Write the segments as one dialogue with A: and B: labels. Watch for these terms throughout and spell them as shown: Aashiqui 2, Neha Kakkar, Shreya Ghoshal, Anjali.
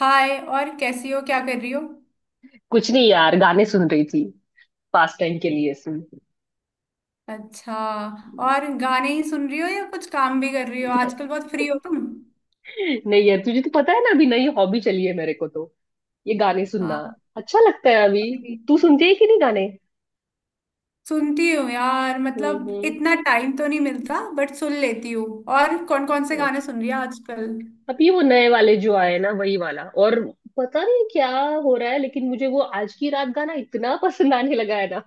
A: हाय। और कैसी हो? क्या कर रही हो?
B: कुछ नहीं यार, गाने सुन रही थी। पास टाइम के लिए सुन।
A: अच्छा। और गाने ही सुन रही हो या कुछ काम भी कर रही हो? आजकल बहुत फ्री हो तुम।
B: नहीं यार, तुझे तो पता है ना, अभी नई हॉबी चली है मेरे को तो। ये गाने सुनना
A: हाँ।
B: अच्छा लगता है अभी।
A: अरे,
B: तू सुनती है कि नहीं गाने?
A: सुनती हूँ यार।
B: हम्म, हम्म।
A: इतना टाइम तो नहीं मिलता बट सुन लेती हूँ। और कौन कौन से गाने
B: अच्छा।
A: सुन रही हो आजकल?
B: अब ये वो नए वाले जो आए ना, वही वाला। और पता नहीं क्या हो रहा है, लेकिन मुझे वो आज की रात गाना इतना पसंद आने लगा है ना।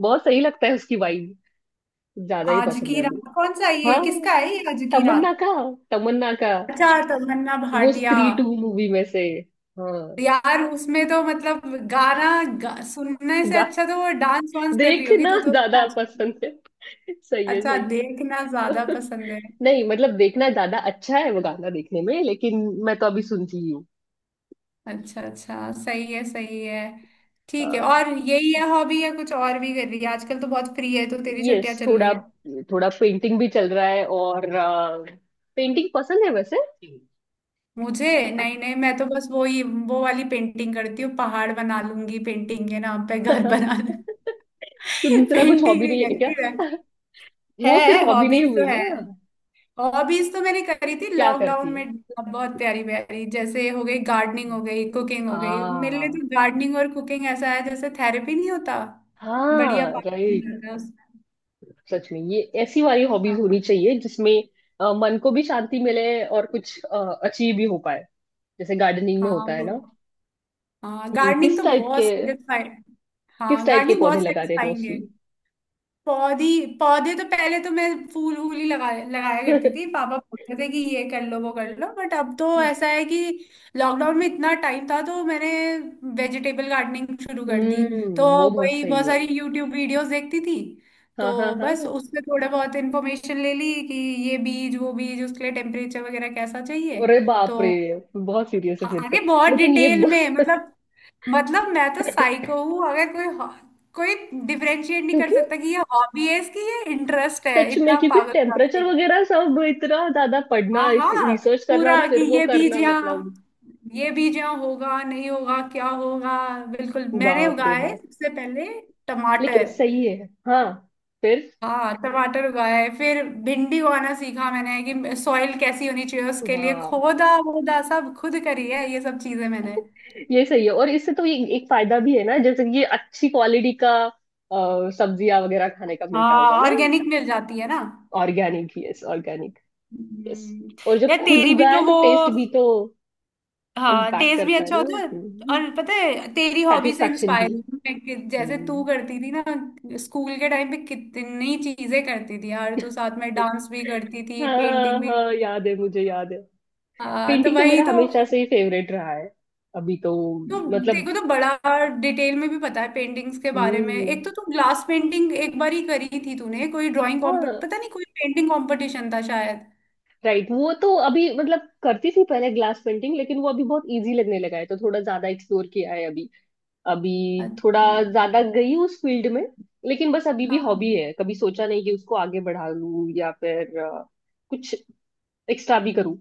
B: बहुत सही लगता है उसकी वाइब। ज्यादा ही
A: आज
B: पसंद है
A: की
B: अभी।
A: रात? कौन सा है ये?
B: हाँ,
A: किसका है ये आज की रात?
B: तमन्ना का। तमन्ना का,
A: अच्छा, तमन्ना
B: वो
A: भाटिया।
B: स्त्री टू मूवी में से। हाँ।
A: यार उसमें तो सुनने से अच्छा तो वो डांस वांस कर रही होगी।
B: देखना
A: तू तो उसमें
B: ज्यादा पसंद है। सही है,
A: अच्छा,
B: सही है।
A: देखना ज्यादा पसंद है।
B: नहीं मतलब, देखना ज्यादा अच्छा है वो गाना देखने में, लेकिन मैं तो अभी सुनती ही हूँ।
A: अच्छा अच्छा, सही है सही है। ठीक है। और यही है हॉबी या कुछ और भी कर रही है? आजकल तो बहुत फ्री है, तो तेरी छुट्टियां
B: यस,
A: चल रही
B: थोड़ा
A: है।
B: थोड़ा पेंटिंग भी चल रहा है। और पेंटिंग पसंद है वैसे?
A: मुझे? नहीं नहीं, मैं तो बस वो वाली पेंटिंग करती हूँ। पहाड़ बना लूंगी, पेंटिंग के नाम पे घर बना
B: तो
A: लूंगी।
B: दूसरा कुछ
A: पेंटिंग
B: हॉबी
A: नहीं
B: नहीं है क्या?
A: करती मैं।
B: वो सिर्फ
A: है,
B: हॉबी नहीं
A: हॉबीज तो
B: हुई
A: है।
B: ना।
A: हॉबीज तो मैंने करी थी
B: क्या करती
A: लॉकडाउन
B: है?
A: में। बहुत प्यारी प्यारी, जैसे हो गई गार्डनिंग, हो गई कुकिंग। हो गई, मेरे लिए
B: आ
A: तो गार्डनिंग और कुकिंग ऐसा है जैसे थेरेपी, नहीं होता? बढ़िया,
B: हाँ,
A: पार्ट टाइम
B: राइट।
A: लग रहा है उसमें।
B: सच में, ये ऐसी वाली हॉबीज
A: हाँ।
B: होनी चाहिए जिसमें मन को भी शांति मिले और कुछ अचीव भी हो पाए। जैसे गार्डनिंग में
A: हाँ
B: होता है
A: वो,
B: ना।
A: हाँ
B: हम्म,
A: गार्डनिंग
B: किस
A: तो
B: टाइप के
A: बहुत satisfying।
B: किस
A: हाँ
B: टाइप के
A: गार्डनिंग
B: पौधे
A: बहुत
B: लगा रहे
A: सेटिस्फाइंग है।
B: मोस्टली?
A: पौधी? पौधे तो पहले तो मैं फूल वूल ही लगाया करती थी। पापा बोलते थे कि ये कर लो वो कर लो, बट अब तो ऐसा है कि लॉकडाउन में इतना टाइम था तो मैंने वेजिटेबल गार्डनिंग शुरू कर दी। तो
B: वो बहुत
A: वही, बहुत
B: सही है।
A: सारी यूट्यूब वीडियोस देखती थी।
B: हाँ, हाँ,
A: तो
B: हाँ।
A: बस उससे थोड़ा बहुत इन्फॉर्मेशन ले ली कि ये बीज, वो बीज, उसके लिए टेम्परेचर वगैरह कैसा चाहिए।
B: अरे बाप रे,
A: तो
B: बहुत सीरियस है
A: हाँ,
B: फिर तो।
A: अरे बहुत
B: लेकिन ये
A: डिटेल में मतलब मैं तो साइको हूँ। अगर कोई डिफरेंशिएट नहीं कर
B: क्योंकि
A: सकता कि ये हॉबी है इसकी, ये इंटरेस्ट है,
B: सच में
A: इतना
B: क्योंकि
A: पागल करते।
B: टेम्परेचर वगैरह सब इतना ज्यादा
A: हाँ
B: पढ़ना,
A: हाँ
B: रिसर्च करना और
A: पूरा कि
B: फिर वो करना मतलब।
A: ये बीज यहाँ होगा, नहीं होगा, क्या होगा। बिल्कुल, मैंने
B: बाप रे
A: उगाया है
B: बाप।
A: सबसे पहले
B: लेकिन
A: टमाटर।
B: सही है। हाँ, फिर
A: हाँ टमाटर उगाया है, फिर भिंडी उगाना सीखा मैंने। कि सॉइल कैसी होनी चाहिए उसके लिए,
B: वाह।
A: खोदा वोदा सब खुद करी है ये सब चीजें मैंने।
B: ये सही है। और इससे तो ये एक फायदा भी है ना, जैसे कि ये अच्छी क्वालिटी का, सब्जियां वगैरह खाने का मिलता
A: हाँ
B: होगा ना।
A: ऑर्गेनिक मिल जाती है ना।
B: Organic, yes. Organic. Yes.
A: Hmm.
B: और जब
A: यार
B: खुद
A: तेरी भी
B: उगा
A: तो
B: है तो
A: वो,
B: टेस्ट भी तो
A: हाँ
B: इम्पैक्ट
A: टेस्ट भी
B: करता है
A: अच्छा
B: ना।
A: होता है। और पता है, तेरी हॉबी से
B: सेटिस्फेक्शन भी।
A: इंस्पायर हूँ मैं कि जैसे
B: हम्म।
A: तू करती थी ना स्कूल के टाइम पे, कितनी चीजें करती थी यार तू। साथ में डांस भी करती थी,
B: हाँ
A: पेंटिंग भी
B: हाँ,
A: करती थी।
B: याद है मुझे, याद है।
A: हाँ तो
B: पेंटिंग तो मेरा
A: वही तो।
B: हमेशा से ही फेवरेट रहा है। अभी तो,
A: तो
B: मतलब,
A: देखो तो, बड़ा डिटेल में भी पता है पेंटिंग्स के बारे में।
B: हम्म।
A: एक तो तू ग्लास पेंटिंग एक बार ही करी थी तूने, कोई ड्राइंग कॉम्पिट,
B: हाँ,
A: पता नहीं, कोई पेंटिंग कंपटीशन था शायद।
B: राइट। वो तो अभी मतलब करती थी पहले ग्लास पेंटिंग, लेकिन वो अभी बहुत इजी लगने लगा है, तो थोड़ा ज्यादा एक्सप्लोर किया है अभी अभी थोड़ा
A: अच्छा हाँ।
B: ज्यादा गई हूँ उस फील्ड में। लेकिन बस अभी भी
A: हाँ
B: हॉबी है। कभी सोचा नहीं कि उसको आगे बढ़ा लूँ या फिर कुछ एक्स्ट्रा भी करूँ।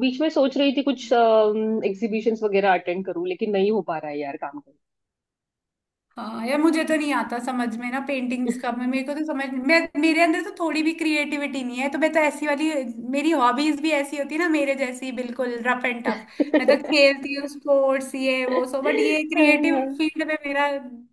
B: बीच में सोच रही थी कुछ
A: हाँ।
B: एग्जीबिशंस वगैरह अटेंड करूँ, लेकिन नहीं हो पा रहा है यार काम
A: हाँ यार, मुझे तो नहीं आता समझ में ना पेंटिंग्स का। मैं मेरे को तो समझ मैं मेरे अंदर तो थोड़ी भी क्रिएटिविटी नहीं है। तो मैं तो ऐसी वाली, मेरी हॉबीज भी ऐसी होती है ना मेरे जैसी, बिल्कुल रफ एंड टफ। मैं तो
B: करना।
A: खेलती हूँ स्पोर्ट्स, ये वो, सो बट ये क्रिएटिव फील्ड में मेरा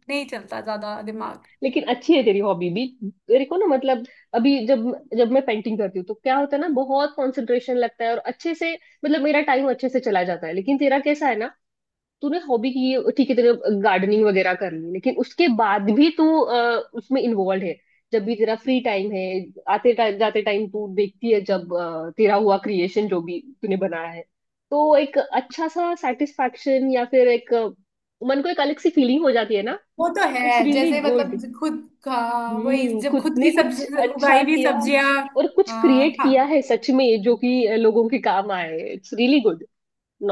A: नहीं चलता ज्यादा दिमाग।
B: लेकिन अच्छी है तेरी हॉबी भी। तेरे को ना मतलब, अभी जब जब मैं पेंटिंग करती हूँ तो क्या होता है ना, बहुत कंसंट्रेशन लगता है और अच्छे से मतलब मेरा टाइम अच्छे से चला जाता है। लेकिन तेरा कैसा है ना। तूने हॉबी की है, ठीक है, तेरे गार्डनिंग वगैरह कर ली, लेकिन उसके बाद भी तू उसमें इन्वॉल्व है। जब भी तेरा फ्री टाइम है, आते टाइम जाते टाइम तू देखती है, जब तेरा हुआ क्रिएशन जो भी तूने बनाया है। तो एक अच्छा सा सेटिस्फैक्शन या फिर एक मन को एक अलग सी फीलिंग हो जाती है ना।
A: वो तो
B: इट्स
A: है।
B: रियली
A: जैसे
B: गुड।
A: खुद का, वही जब
B: खुद
A: खुद
B: ने
A: की
B: कुछ
A: सब्जी
B: अच्छा
A: उगाई हुई
B: किया।
A: सब्जियां।
B: और कुछ
A: हाँ
B: क्रिएट किया है सच में जो कि लोगों के काम आए। It's really good,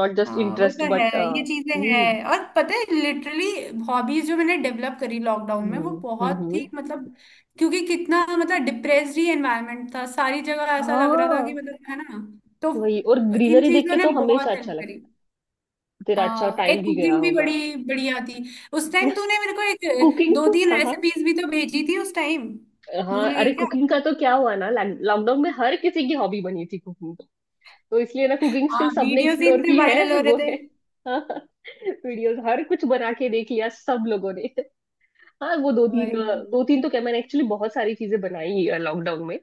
B: not just
A: हाँ, वो
B: इंटरेस्ट
A: तो है।
B: बट,
A: ये चीजें
B: हम्म,
A: हैं, और पता है लिटरली हॉबीज जो मैंने डेवलप करी लॉकडाउन में, वो
B: हम्म, हम्म,
A: बहुत ही क्योंकि कितना डिप्रेस्ड ही एनवायरनमेंट था सारी जगह। ऐसा लग रहा था कि
B: हाँ
A: है ना। तो
B: वही। और
A: इन
B: ग्रीनरी देख
A: चीजों
B: के
A: ने
B: तो हमेशा
A: बहुत
B: अच्छा
A: हेल्प करी।
B: लगता। तेरा अच्छा
A: हाँ एक
B: टाइम भी गया
A: कुकिंग भी
B: होगा।
A: बड़ी बढ़िया थी। उस टाइम तूने मेरे को एक
B: कुकिंग
A: दो
B: तो,
A: तीन
B: हाँ हाँ।
A: रेसिपीज भी तो भेजी थी उस टाइम।
B: हाँ
A: भूल
B: अरे,
A: गई क्या?
B: कुकिंग का तो क्या हुआ ना, लॉकडाउन में हर किसी की हॉबी बनी थी कुकिंग। तो इसलिए ना कुकिंग
A: हाँ
B: स्किल सबने
A: वीडियोस ही
B: एक्सप्लोर
A: इतने
B: की
A: वायरल
B: है।
A: हो रहे
B: वो
A: थे।
B: है। वीडियोस हर कुछ बना के देख लिया सब लोगों ने। हाँ वो दो तीन।
A: वही।
B: दो तीन तो क्या, मैंने एक्चुअली बहुत सारी चीजें बनाई लॉकडाउन में।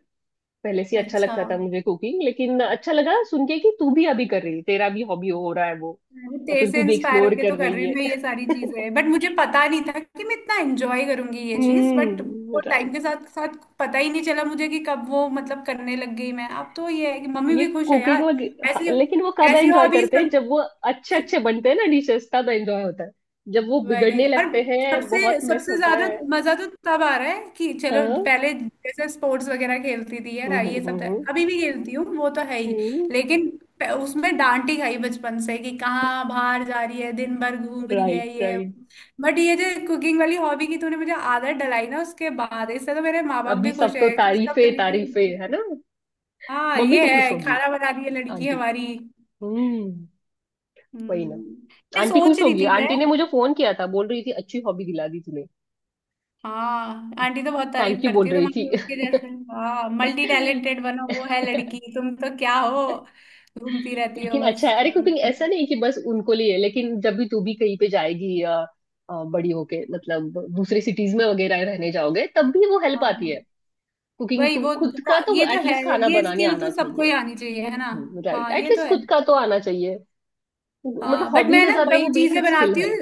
B: पहले से ही अच्छा
A: अच्छा,
B: लगता था मुझे कुकिंग, लेकिन अच्छा लगा सुन के कि तू भी अभी कर रही है, तेरा भी हॉबी हो रहा है वो,
A: मैं भी
B: या
A: तेरे
B: फिर
A: से
B: तू भी
A: इंस्पायर
B: एक्सप्लोर
A: होके तो
B: कर
A: कर रही
B: रही
A: हूँ
B: है।
A: मैं ये सारी चीजें। बट मुझे पता नहीं था कि मैं इतना एंजॉय करूंगी ये चीज। बट
B: हम्म,
A: वो टाइम
B: राइट।
A: के साथ साथ पता ही नहीं चला मुझे कि कब वो करने लग गई मैं। अब तो ये है कि मम्मी
B: ये
A: भी खुश है
B: कुकिंग
A: यार।
B: वगैरह, हाँ,
A: ऐसी
B: लेकिन वो कब
A: ऐसी
B: एंजॉय
A: हॉबीज
B: करते हैं
A: सब।
B: जब वो अच्छे अच्छे बनते हैं ना डिशेस, तब एंजॉय होता है। जब वो
A: वही,
B: बिगड़ने
A: और
B: लगते हैं
A: सबसे
B: बहुत मिस
A: सबसे
B: होता
A: ज्यादा
B: है।
A: मजा तो तब आ रहा है कि चलो,
B: हाँ,
A: पहले जैसे स्पोर्ट्स वगैरह खेलती थी यार
B: हम्म,
A: ये सब तो
B: हम्म,
A: अभी भी खेलती हूँ, वो तो है ही।
B: हम्म,
A: लेकिन उसमें डांट ही खाई बचपन से कि कहाँ बाहर जा रही है, दिन भर घूम रही है
B: राइट,
A: ये।
B: राइट।
A: बट ये जो कुकिंग वाली हॉबी की तूने मुझे आदत डलाई ना, उसके बाद इससे तो मेरे माँ बाप
B: अभी
A: भी
B: सब
A: खुश
B: तो
A: है, कुछ तो
B: तारीफे
A: करने के
B: तारीफे
A: लिए।
B: है ना।
A: हाँ,
B: मम्मी
A: ये
B: तो खुश
A: है,
B: होगी,
A: खाना बना रही है लड़की
B: आंटी।
A: हमारी।
B: हम्म। वही ना।
A: हम्म। ये
B: आंटी
A: सोच
B: खुश
A: रही
B: होगी,
A: थी मैं।
B: आंटी ने मुझे फोन किया था, बोल रही थी अच्छी हॉबी दिला दी तूने।
A: हाँ आंटी तो बहुत तारीफ
B: थैंक यू बोल
A: करती है
B: रही थी।
A: तुम्हारी, उसके जैसे हाँ मल्टी टैलेंटेड बनो, वो है लड़की, तुम तो क्या हो, घूमती रहती हो
B: लेकिन अच्छा
A: बस।
B: है, अरे कुकिंग
A: हम्म।
B: ऐसा नहीं कि बस उनको लिए, लेकिन जब भी तू भी कहीं पे जाएगी या बड़ी होके मतलब दूसरे सिटीज में वगैरह रहने जाओगे, तब भी वो हेल्प
A: हाँ
B: आती है। कुकिंग,
A: वही
B: तू
A: वो,
B: खुद का तो
A: ये तो है,
B: एटलीस्ट खाना
A: ये
B: बनाने
A: स्किल
B: आना
A: तो सबको ही
B: चाहिए।
A: आनी चाहिए है ना।
B: राइट,
A: हाँ ये तो
B: एटलीस्ट
A: है।
B: खुद का तो आना चाहिए। मतलब
A: हाँ बट
B: हॉबी
A: मैं
B: से
A: ना
B: ज्यादा वो बेसिक स्किल है।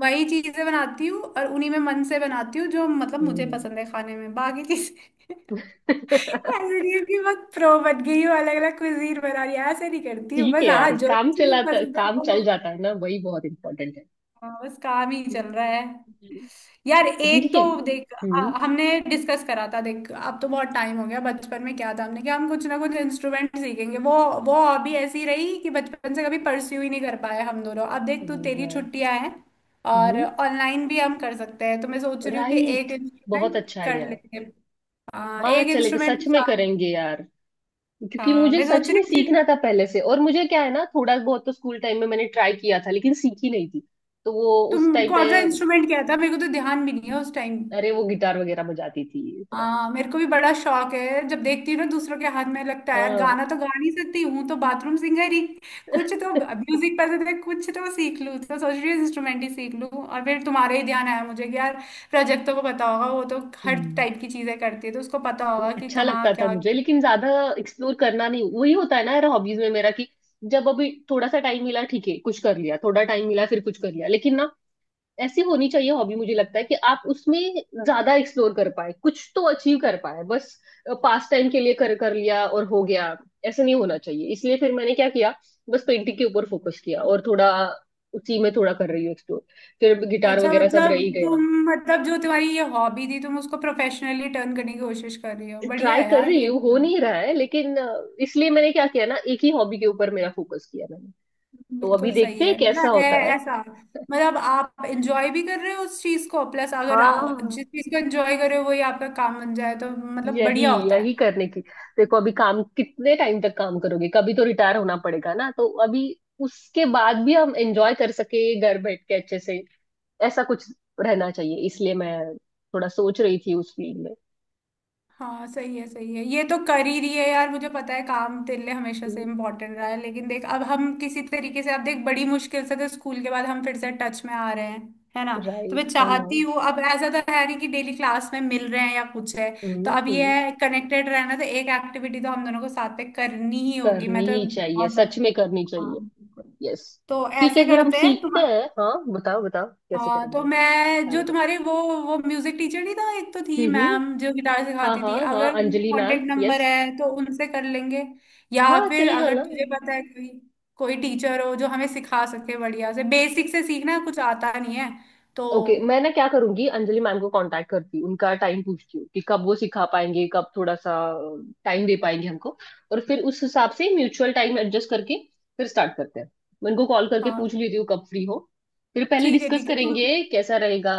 A: वही चीजें बनाती हूँ, और उन्हीं में मन से बनाती हूँ जो मुझे
B: हम्म।
A: पसंद है खाने में। बाकी चीजें ऐसे नहीं है कि बहुत प्रो बन गई हूँ, अलग अलग कुजीन बना रही हूँ, ऐसे नहीं करती हूँ
B: ठीक है
A: बस। हाँ,
B: यार,
A: जो चीज पसंद है
B: काम चल
A: वो।
B: जाता है ना, वही बहुत इम्पोर्टेंट है।
A: हाँ, बस काम ही चल रहा है।
B: हम्म।
A: यार
B: लेकिन
A: एक
B: ठीक
A: तो
B: है।
A: देख,
B: हम्म
A: हमने डिस्कस करा था देख, अब तो बहुत टाइम हो गया। बचपन में क्या था हमने कि हम कुछ ना कुछ इंस्ट्रूमेंट सीखेंगे, वो हॉबी ऐसी रही कि बचपन से कभी परस्यू ही नहीं कर पाए हम दोनों। अब देख तू, तेरी
B: और,
A: छुट्टियां हैं और
B: हम्म,
A: ऑनलाइन भी हम कर सकते हैं, तो मैं सोच रही हूँ कि एक
B: राइट, बहुत
A: इंस्ट्रूमेंट
B: अच्छा
A: कर
B: आइडिया है।
A: लेंगे। हाँ
B: हाँ,
A: एक
B: चलेगा,
A: इंस्ट्रूमेंट के
B: सच में
A: साथ,
B: करेंगे यार। क्योंकि
A: हाँ
B: मुझे
A: मैं सोच
B: सच
A: रही
B: में
A: हूँ कि
B: सीखना था पहले से, और मुझे क्या है ना, थोड़ा बहुत तो स्कूल टाइम में मैंने ट्राई किया था लेकिन सीखी नहीं थी। तो वो
A: तुम
B: उस टाइम पे,
A: कौन सा इंस्ट्रूमेंट, क्या था? मेरे को तो ध्यान भी नहीं है उस टाइम।
B: अरे वो गिटार वगैरह बजाती थी इतना
A: हाँ
B: कुछ।
A: मेरे को भी बड़ा शौक है। जब देखती हूँ ना दूसरों के हाथ में, लगता है यार
B: हाँ।
A: गाना तो गा नहीं सकती हूँ, तो बाथरूम सिंगर ही। कुछ तो म्यूजिक पसंद है, कुछ तो सीख लूँ। तो सोच रही हूँ इंस्ट्रूमेंट ही सीख लूँ। और फिर तुम्हारे ही ध्यान आया मुझे कि यार रजत को पता होगा। वो तो हर
B: हम्म।
A: टाइप की चीजें करती है, तो उसको पता होगा कि
B: अच्छा
A: कहाँ
B: लगता था
A: क्या।
B: मुझे, लेकिन ज्यादा एक्सप्लोर करना नहीं। वही होता है ना यार, हॉबीज में मेरा कि जब अभी थोड़ा सा टाइम मिला, ठीक है कुछ कर लिया, थोड़ा टाइम मिला फिर कुछ कर लिया, लेकिन ना। ऐसी होनी चाहिए हॉबी, मुझे लगता है कि आप उसमें ज्यादा एक्सप्लोर कर पाए, कुछ तो अचीव कर पाए। बस पास टाइम के लिए कर कर लिया और हो गया, ऐसा नहीं होना चाहिए। इसलिए फिर मैंने क्या किया, बस पेंटिंग के ऊपर फोकस किया और थोड़ा, उसी में थोड़ा कर रही हूँ एक्सप्लोर। फिर गिटार
A: अच्छा
B: वगैरह सब रह ही गया।
A: तुम, जो तुम्हारी ये हॉबी थी तुम उसको प्रोफेशनली टर्न करने की कोशिश कर रही हो। बढ़िया
B: ट्राई
A: है
B: कर
A: यार
B: रही
A: ये,
B: हूँ हो नहीं रहा है, लेकिन इसलिए मैंने क्या किया ना, एक ही हॉबी के ऊपर मेरा फोकस किया मैंने। तो
A: बिल्कुल
B: अभी
A: सही
B: देखते
A: है।
B: हैं कैसा
A: है
B: होता है।
A: ऐसा, आप एंजॉय भी कर रहे हो उस चीज को, प्लस अगर आप
B: हाँ,
A: जिस चीज को एंजॉय कर रहे हो वही आपका काम बन जाए तो
B: यही,
A: बढ़िया होता है।
B: यही करने की। देखो अभी, काम कितने टाइम तक काम करोगे, कभी तो रिटायर होना पड़ेगा ना, तो अभी उसके बाद भी हम एंजॉय कर सके, घर बैठ के अच्छे से, ऐसा कुछ रहना चाहिए। इसलिए मैं थोड़ा सोच रही थी उस फील्ड में।
A: हाँ सही है सही है, ये तो कर ही रही है यार। मुझे पता है काम तेरे लिए हमेशा से इम्पोर्टेंट रहा है, लेकिन देख अब हम किसी तरीके से, अब देख बड़ी मुश्किल से तो स्कूल के बाद हम फिर से टच में आ रहे हैं है ना। तो मैं
B: राइट, हाँ ना,
A: चाहती
B: हम्म,
A: हूँ, अब ऐसा तो है नहीं कि डेली क्लास में मिल रहे हैं या कुछ है। तो अब ये
B: हम्म।
A: है कनेक्टेड रहना, तो एक एक्टिविटी तो हम दोनों को साथ पे करनी ही होगी।
B: करनी
A: मैं तो
B: ही चाहिए,
A: बहुत
B: सच
A: ज्यादा,
B: में करनी
A: हाँ
B: चाहिए।
A: बिल्कुल।
B: यस,
A: तो
B: ठीक
A: ऐसे
B: है, फिर हम
A: करते हैं तुम,
B: सीखते हैं। हाँ, बताओ बताओ कैसे
A: हाँ तो
B: करेंगे,
A: मैं
B: प्लान
A: जो
B: करो।
A: तुम्हारी वो म्यूजिक टीचर नहीं था एक, तो थी
B: हम्म,
A: मैम जो गिटार
B: हाँ
A: सिखाती थी,
B: हाँ
A: अगर
B: हाँ,
A: उनके
B: Anjali
A: contact
B: ma'am,
A: number
B: yes.
A: है तो उनसे कर लेंगे। या
B: हाँ
A: फिर
B: चलेगा
A: अगर
B: ना।
A: तुझे पता है कोई कोई टीचर हो जो हमें सिखा सके बढ़िया से, बेसिक से सीखना, कुछ आता नहीं है तो।
B: ओके, मैं ना क्या करूंगी, अंजलि मैम को कांटेक्ट करती हूँ, उनका टाइम पूछती हूँ कि कब वो सिखा पाएंगे, कब थोड़ा सा टाइम दे पाएंगे हमको। और फिर उस हिसाब से म्यूचुअल टाइम एडजस्ट करके फिर स्टार्ट करते हैं। मैं उनको कॉल करके पूछ
A: हाँ
B: लेती हूँ कब फ्री हो। फिर पहले डिस्कस
A: ठीक है तुम,
B: करेंगे कैसा रहेगा,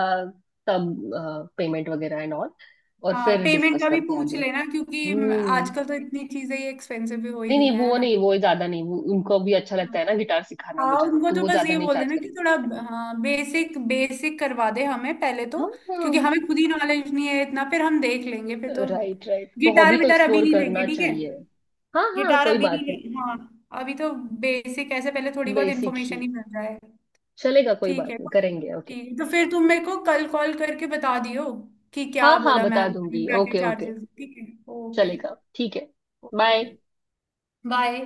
B: तब पेमेंट वगैरह एंड ऑल, और
A: हाँ
B: फिर
A: पेमेंट
B: डिस्कस
A: का भी
B: करते हैं
A: पूछ
B: आगे।
A: लेना, क्योंकि
B: हम्म।
A: आजकल तो इतनी चीजें ये एक्सपेंसिव भी हो ही
B: नहीं
A: गई
B: नहीं,
A: हैं है
B: वो
A: ना।
B: नहीं, वो ज्यादा नहीं, वो उनको भी अच्छा लगता है ना गिटार सिखाना
A: हाँ
B: बजाना,
A: उनको
B: तो
A: तो
B: वो
A: बस
B: ज्यादा
A: ये
B: नहीं
A: बोल
B: चार्ज
A: देना कि
B: करेंगे।
A: थोड़ा हाँ बेसिक बेसिक करवा दे हमें पहले तो,
B: हाँ हाँ,
A: क्योंकि हमें खुद ही नॉलेज नहीं है इतना, फिर हम देख लेंगे फिर तो।
B: Right right. तो
A: गिटार
B: हॉबी तो
A: विटार अभी
B: एक्सप्लोर
A: नहीं लेंगे,
B: करना
A: ठीक है?
B: चाहिए। हाँ हाँ
A: गिटार
B: कोई
A: अभी नहीं
B: बात नहीं।
A: लेंगे हाँ, अभी तो बेसिक ऐसे पहले, थोड़ी बहुत
B: बेसिक ही
A: इन्फॉर्मेशन ही मिल जाए।
B: चलेगा, कोई
A: ठीक
B: बात
A: है
B: नहीं,
A: तो-
B: करेंगे। ओके,
A: ठीक है तो फिर तुम मेरे को कल कॉल करके बता दियो कि क्या
B: हाँ हाँ
A: बोला
B: बता
A: मैम,
B: दूंगी।
A: क्या क्या
B: ओके ओके,
A: चार्जेस। ठीक है। ओके
B: चलेगा, ठीक है।
A: ओके।
B: बाय।
A: बाय।